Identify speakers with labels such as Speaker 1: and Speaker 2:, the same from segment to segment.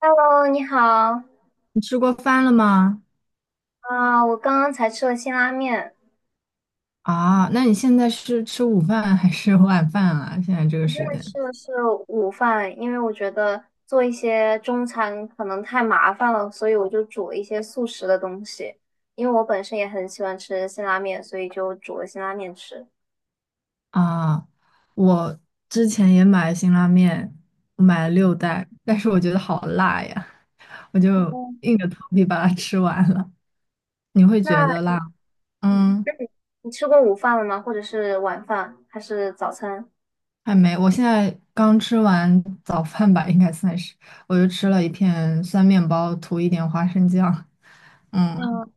Speaker 1: Hello，你好
Speaker 2: 你吃过饭了吗？
Speaker 1: 啊！我刚刚才吃了辛拉面，
Speaker 2: 啊，那你现在是吃午饭还是晚饭啊？现在这个
Speaker 1: 我现
Speaker 2: 时
Speaker 1: 在
Speaker 2: 间
Speaker 1: 吃的是午饭，因为我觉得做一些中餐可能太麻烦了，所以我就煮了一些速食的东西。因为我本身也很喜欢吃辛拉面，所以就煮了辛拉面吃。
Speaker 2: 啊，我之前也买了辛拉面，我买了六袋，但是我觉得好辣呀，我就
Speaker 1: 嗯，
Speaker 2: 硬着头皮把它吃完了。你会
Speaker 1: 那
Speaker 2: 觉得辣吗？
Speaker 1: 嗯，
Speaker 2: 嗯，
Speaker 1: 你吃过午饭了吗？或者是晚饭，还是早餐？
Speaker 2: 还没，我现在刚吃完早饭吧，应该算是，我就吃了一片酸面包，涂一点花生酱。嗯，
Speaker 1: 嗯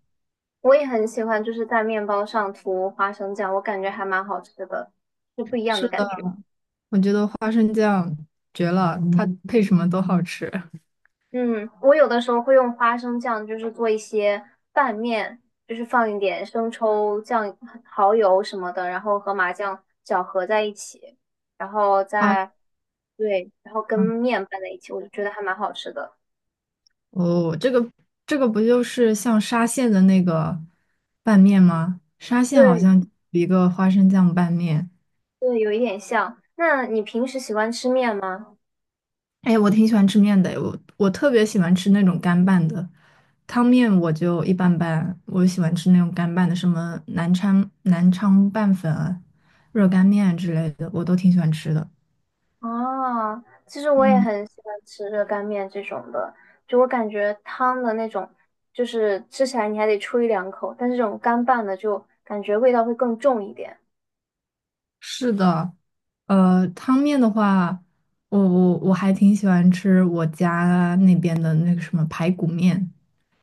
Speaker 1: 我也很喜欢，就是在面包上涂花生酱，我感觉还蛮好吃的，就不一样的
Speaker 2: 是的。
Speaker 1: 感觉。
Speaker 2: 我觉得花生酱绝了，它配什么都好吃
Speaker 1: 嗯，我有的时候会用花生酱，就是做一些拌面，就是放一点生抽、酱、蚝油什么的，然后和麻酱搅和在一起，然后
Speaker 2: 啊！
Speaker 1: 再，对，然后跟面拌在一起，我就觉得还蛮好吃的。
Speaker 2: 哦，这个不就是像沙县的那个拌面吗？沙县好
Speaker 1: 对，
Speaker 2: 像有一个花生酱拌面，
Speaker 1: 对，有一点像。那你平时喜欢吃面吗？
Speaker 2: 哎，我挺喜欢吃面的，我特别喜欢吃那种干拌的，汤面我就一般般，我喜欢吃那种干拌的，什么南昌拌粉啊热干面之类的，我都挺喜欢吃的。
Speaker 1: 哦，其实我也
Speaker 2: 嗯。
Speaker 1: 很喜欢吃热干面这种的，就我感觉汤的那种，就是吃起来你还得吹两口，但是这种干拌的就感觉味道会更重一点。
Speaker 2: 是的，汤面的话，我还挺喜欢吃我家那边的那个什么排骨面，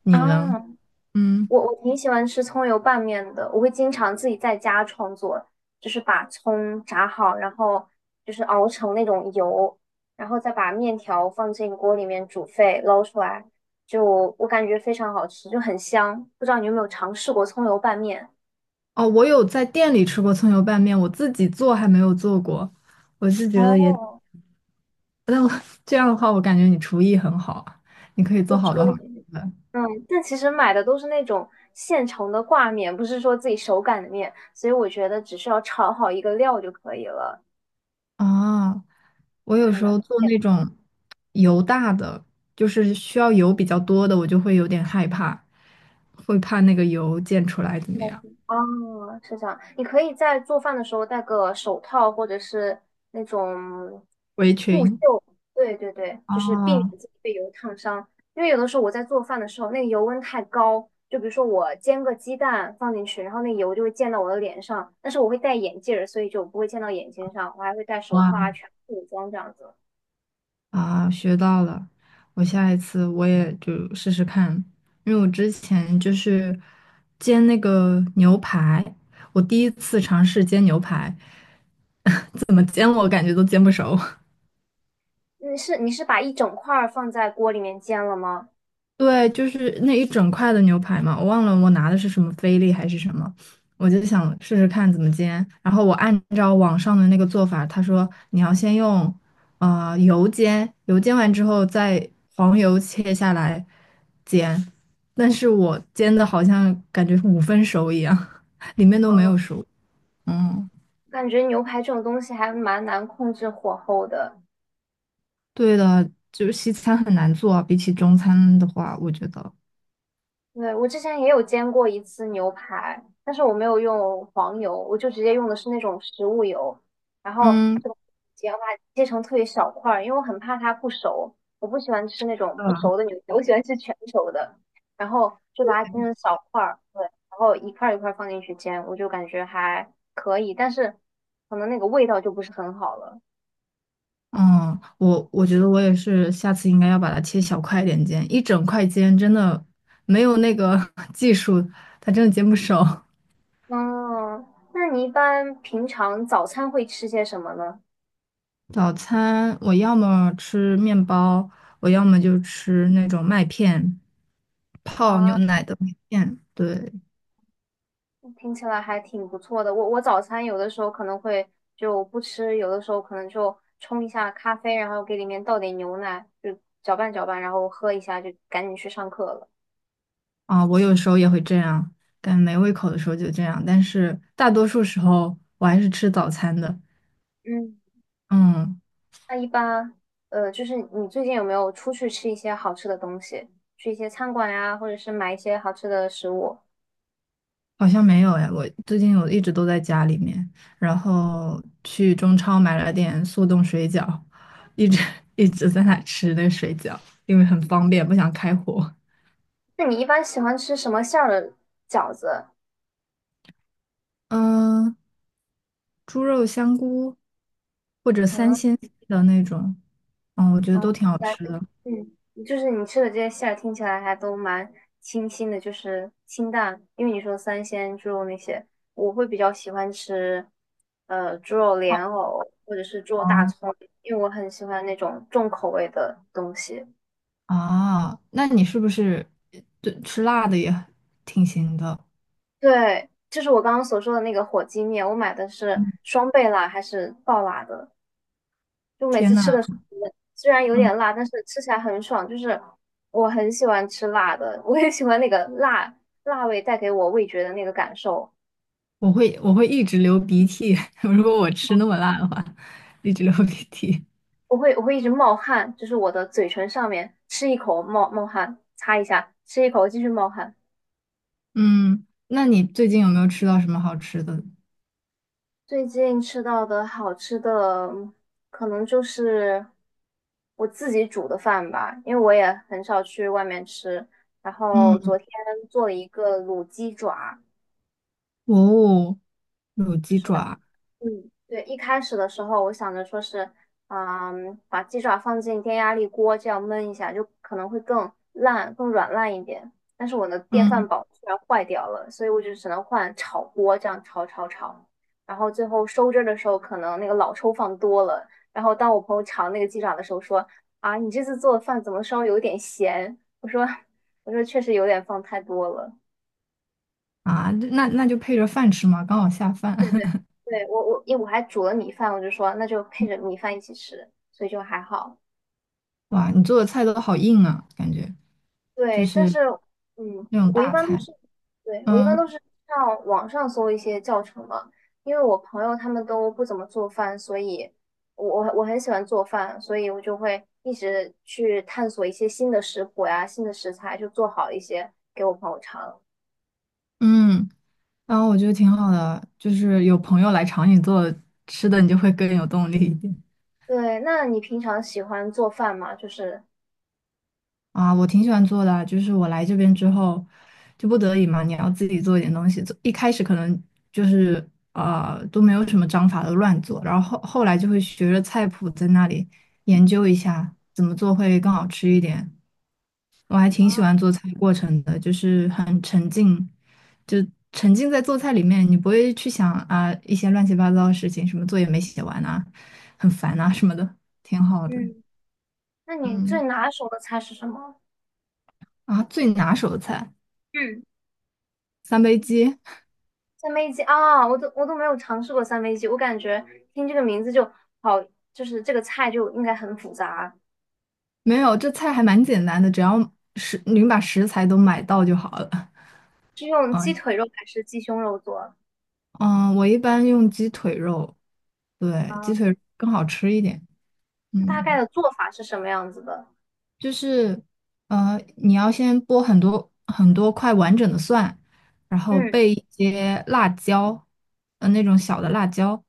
Speaker 2: 你呢？
Speaker 1: 啊，
Speaker 2: 嗯，
Speaker 1: 我挺喜欢吃葱油拌面的，我会经常自己在家创作，就是把葱炸好，然后就是熬成那种油，然后再把面条放进锅里面煮沸，捞出来，就我感觉非常好吃，就很香。不知道你有没有尝试过葱油拌面？
Speaker 2: 哦，我有在店里吃过葱油拌面，我自己做还没有做过，我是觉得也，
Speaker 1: 哦，
Speaker 2: 但我 这样的话，我感觉你厨艺很好啊你可以
Speaker 1: 不
Speaker 2: 做好
Speaker 1: 吹，
Speaker 2: 多好吃的
Speaker 1: 嗯，但其实买的都是那种现成的挂面，不是说自己手擀的面，所以我觉得只需要炒好一个料就可以了，
Speaker 2: 啊。我
Speaker 1: 也
Speaker 2: 有
Speaker 1: 还
Speaker 2: 时
Speaker 1: 蛮。
Speaker 2: 候做那种油大的，就是需要油比较多的，我就会有点害怕，会怕那个油溅出来怎么样。
Speaker 1: 哦，是这样。你可以在做饭的时候戴个手套，或者是那种
Speaker 2: 围
Speaker 1: 护袖。
Speaker 2: 裙。
Speaker 1: 对对对，就是避免
Speaker 2: 哦，
Speaker 1: 自己被油烫伤。因为有的时候我在做饭的时候，那个油温太高，就比如说我煎个鸡蛋放进去，然后那油就会溅到我的脸上。但是我会戴眼镜儿，所以就不会溅到眼睛上。我还会戴手套
Speaker 2: 哇
Speaker 1: 啊，全副武装这样子。
Speaker 2: 啊，学到了！我下一次也就试试看，因为我之前就是煎那个牛排，我第一次尝试煎牛排，怎么煎我感觉都煎不熟。
Speaker 1: 你是把一整块儿放在锅里面煎了吗？
Speaker 2: 对，就是那一整块的牛排嘛，我忘了拿的是什么菲力还是什么，我就想试试看怎么煎。然后我按照网上的那个做法，他说你要先用油煎，油煎完之后再黄油切下来煎。但是我煎的好像感觉五分熟一样，里面都没
Speaker 1: 哦，
Speaker 2: 有熟。嗯，
Speaker 1: 感觉牛排这种东西还蛮难控制火候的。
Speaker 2: 对的，就是西餐很难做啊，比起中餐的话，我觉得，
Speaker 1: 对，我之前也有煎过一次牛排，但是我没有用黄油，我就直接用的是那种食物油，然后
Speaker 2: 嗯。
Speaker 1: 就煎把它切成特别小块儿，因为我很怕它不熟，我不喜欢吃那种不熟的牛排，我喜欢吃全熟的，然后就把它切成小块儿，对，然后一块儿一块儿放进去煎，我就感觉还可以，但是可能那个味道就不是很好了。
Speaker 2: 嗯，我觉得我也是，下次应该要把它切小块一点煎，一整块煎真的没有那个 技术，它真的煎不熟。
Speaker 1: 嗯，那你一般平常早餐会吃些什么呢？
Speaker 2: 早餐我要么吃面包，我要么就吃那种麦片，泡牛
Speaker 1: 啊。
Speaker 2: 奶的麦片。对，
Speaker 1: 听起来还挺不错的。我早餐有的时候可能会就不吃，有的时候可能就冲一下咖啡，然后给里面倒点牛奶，就搅拌搅拌，然后喝一下，就赶紧去上课了。
Speaker 2: 啊，我有时候也会这样，但没胃口的时候就这样，但是大多数时候我还是吃早餐的。
Speaker 1: 嗯。
Speaker 2: 嗯，
Speaker 1: 那一般，就是你最近有没有出去吃一些好吃的东西，去一些餐馆呀，或者是买一些好吃的食物？
Speaker 2: 好像没有哎，我最近一直都在家里面，然后去中超买了点速冻水饺，一直 一直在那吃那个水饺，因为很方便，不想开火。
Speaker 1: 那你一般喜欢吃什么馅儿的饺子？
Speaker 2: 嗯、猪肉香菇或者三
Speaker 1: 嗯。
Speaker 2: 鲜的那种，嗯，我觉得
Speaker 1: 啊，
Speaker 2: 都挺
Speaker 1: 听
Speaker 2: 好
Speaker 1: 起来
Speaker 2: 吃
Speaker 1: 就
Speaker 2: 的。
Speaker 1: 就是你吃的这些馅儿听起来还都蛮清新的，就是清淡。因为你说三鲜猪肉那些，我会比较喜欢吃，猪肉莲藕或者是猪肉大
Speaker 2: 哦
Speaker 1: 葱，因为我很喜欢那种重口味的东西。
Speaker 2: 啊，那你是不是对吃辣的也挺行的？
Speaker 1: 对，就是我刚刚所说的那个火鸡面，我买的是
Speaker 2: 嗯，
Speaker 1: 双倍辣还是爆辣的？就每
Speaker 2: 天
Speaker 1: 次
Speaker 2: 呐，
Speaker 1: 吃的时候，虽然有点辣，但是吃起来很爽。就是我很喜欢吃辣的，我也喜欢那个辣味带给我味觉的那个感受。
Speaker 2: 我会一直流鼻涕，如果我吃那么辣的话，一直流鼻涕。
Speaker 1: 我会一直冒汗，就是我的嘴唇上面吃一口冒冒汗，擦一下，吃一口继续冒汗。
Speaker 2: 嗯，那你最近有没有吃到什么好吃的？
Speaker 1: 最近吃到的好吃的，可能就是我自己煮的饭吧，因为我也很少去外面吃。然后
Speaker 2: 嗯，
Speaker 1: 昨天做了一个卤鸡爪。
Speaker 2: 哦，卤
Speaker 1: 就
Speaker 2: 鸡
Speaker 1: 是。
Speaker 2: 爪，
Speaker 1: 嗯，对，一开始的时候我想着说是，嗯，把鸡爪放进电压力锅这样焖一下，就可能会更烂、更软烂一点。但是我的电饭
Speaker 2: 嗯
Speaker 1: 煲居然坏掉了，所以我就只能换炒锅这样炒炒炒。然后最后收汁儿的时候，可能那个老抽放多了。然后当我朋友尝那个鸡爪的时候说："啊，你这次做的饭怎么稍微有点咸？"我说： 我说确实有点放太多了。"
Speaker 2: 啊，那那就配着饭吃嘛，刚好下饭。
Speaker 1: 对对对，我因为我还煮了米饭，我就说那就配着米饭一起吃，所以就还好。
Speaker 2: 哇，你做的菜都好硬啊，感觉就
Speaker 1: 对，但
Speaker 2: 是
Speaker 1: 是
Speaker 2: 那种
Speaker 1: 我一
Speaker 2: 大
Speaker 1: 般都
Speaker 2: 菜。
Speaker 1: 是，对，我一般
Speaker 2: 嗯
Speaker 1: 都是上网上搜一些教程嘛，因为我朋友他们都不怎么做饭，所以我很喜欢做饭，所以我就会一直去探索一些新的食谱呀、新的食材，就做好一些给我朋友尝。
Speaker 2: 嗯，然后我觉得挺好的，就是有朋友来尝你做吃的，你就会更有动力一点。
Speaker 1: 对，那你平常喜欢做饭吗？就是
Speaker 2: 啊，我挺喜欢做的啊，就是我来这边之后，就不得已嘛，你要自己做一点东西。做一开始可能就是都没有什么章法的乱做，然后后来就会学着菜谱在那里研究一下怎么做会更好吃一点。我还挺喜
Speaker 1: 啊，
Speaker 2: 欢做菜过程的，就是很沉浸，就沉浸在做菜里面，你不会去想啊一些乱七八糟的事情，什么作业没写完啊，很烦啊什么的，挺好的。
Speaker 1: 嗯，那你最
Speaker 2: 嗯，
Speaker 1: 拿手的菜是什么？
Speaker 2: 啊，最拿手的菜
Speaker 1: 嗯。
Speaker 2: 三杯鸡。
Speaker 1: 三杯鸡啊，我都没有尝试过三杯鸡，我感觉听这个名字就好，就是这个菜就应该很复杂，
Speaker 2: 没有，这菜还蛮简单的，只要您把食材都买到就好了。
Speaker 1: 是用鸡
Speaker 2: 嗯
Speaker 1: 腿肉还是鸡胸肉做
Speaker 2: 嗯，我一般用鸡腿肉，对，
Speaker 1: 啊？
Speaker 2: 鸡腿更好吃一点。
Speaker 1: 大概
Speaker 2: 嗯。
Speaker 1: 的做法是什么样子的？
Speaker 2: 就是你要先剥很多块完整的蒜，然后
Speaker 1: 嗯
Speaker 2: 备一些辣椒，那种小的辣椒，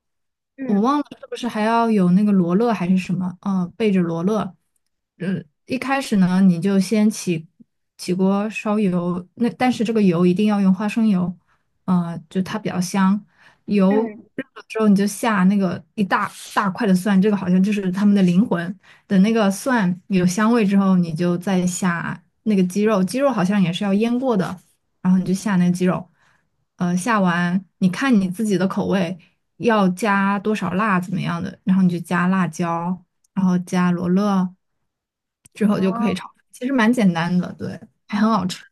Speaker 2: 我
Speaker 1: 嗯
Speaker 2: 忘了是不是还要有那个罗勒还是什么，备着罗勒。嗯，一开始呢，你就先起锅烧油，那但是这个油一定要用花生油，就它比较香。油
Speaker 1: 嗯，
Speaker 2: 热了之后，你就下那个一大块的蒜，这个好像就是他们的灵魂。等那个蒜有香味之后，你就再下那个鸡肉，鸡肉好像也是要腌过的，然后你就下那个鸡肉，下完你看你自己的口味要加多少辣怎么样的，然后你就加辣椒，然后加罗勒，之后就可
Speaker 1: 啊，
Speaker 2: 以炒，其实蛮简单的，对，还很好
Speaker 1: 嗯
Speaker 2: 吃，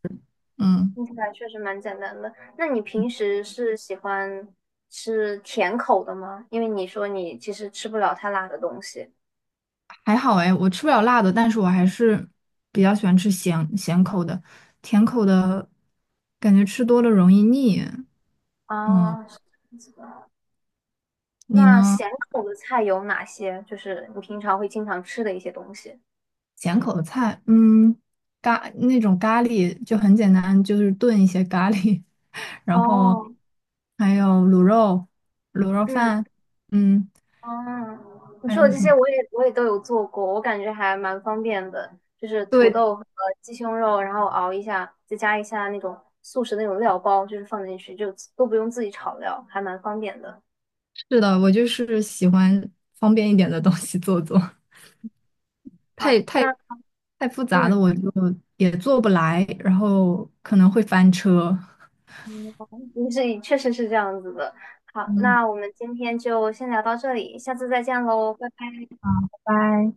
Speaker 2: 嗯，
Speaker 1: 听起来确实蛮简单的。那你平时是喜欢吃甜口的吗？因为你说你其实吃不了太辣的东西
Speaker 2: 还好哎，我吃不了辣的，但是我还是比较喜欢吃咸咸口的，甜口的感觉吃多了容易腻，嗯，
Speaker 1: 啊。是这样子的。
Speaker 2: 你
Speaker 1: 那
Speaker 2: 呢？
Speaker 1: 咸口的菜有哪些？就是你平常会经常吃的一些东西。
Speaker 2: 咸口的菜，嗯，那种咖喱就很简单，就是炖一些咖喱，然后
Speaker 1: 哦，
Speaker 2: 还有卤肉、卤肉
Speaker 1: 嗯，
Speaker 2: 饭，嗯，
Speaker 1: 哦，你
Speaker 2: 还
Speaker 1: 说的
Speaker 2: 有
Speaker 1: 这
Speaker 2: 什
Speaker 1: 些
Speaker 2: 么？
Speaker 1: 我也都有做过，我感觉还蛮方便的，就是土
Speaker 2: 对，
Speaker 1: 豆和鸡胸肉，然后熬一下，再加一下那种速食那种料包，就是放进去，就都不用自己炒料，还蛮方便的。
Speaker 2: 是的，我就是喜欢方便一点的东西做做，
Speaker 1: 好，
Speaker 2: 太太
Speaker 1: 那
Speaker 2: 太复杂的
Speaker 1: 嗯
Speaker 2: 我就也做不来，然后可能会翻车。
Speaker 1: 嗯，你是确实是这样子的。好，
Speaker 2: 嗯，
Speaker 1: 那我们今天就先聊到这里，下次再见喽，拜拜。
Speaker 2: 拜拜。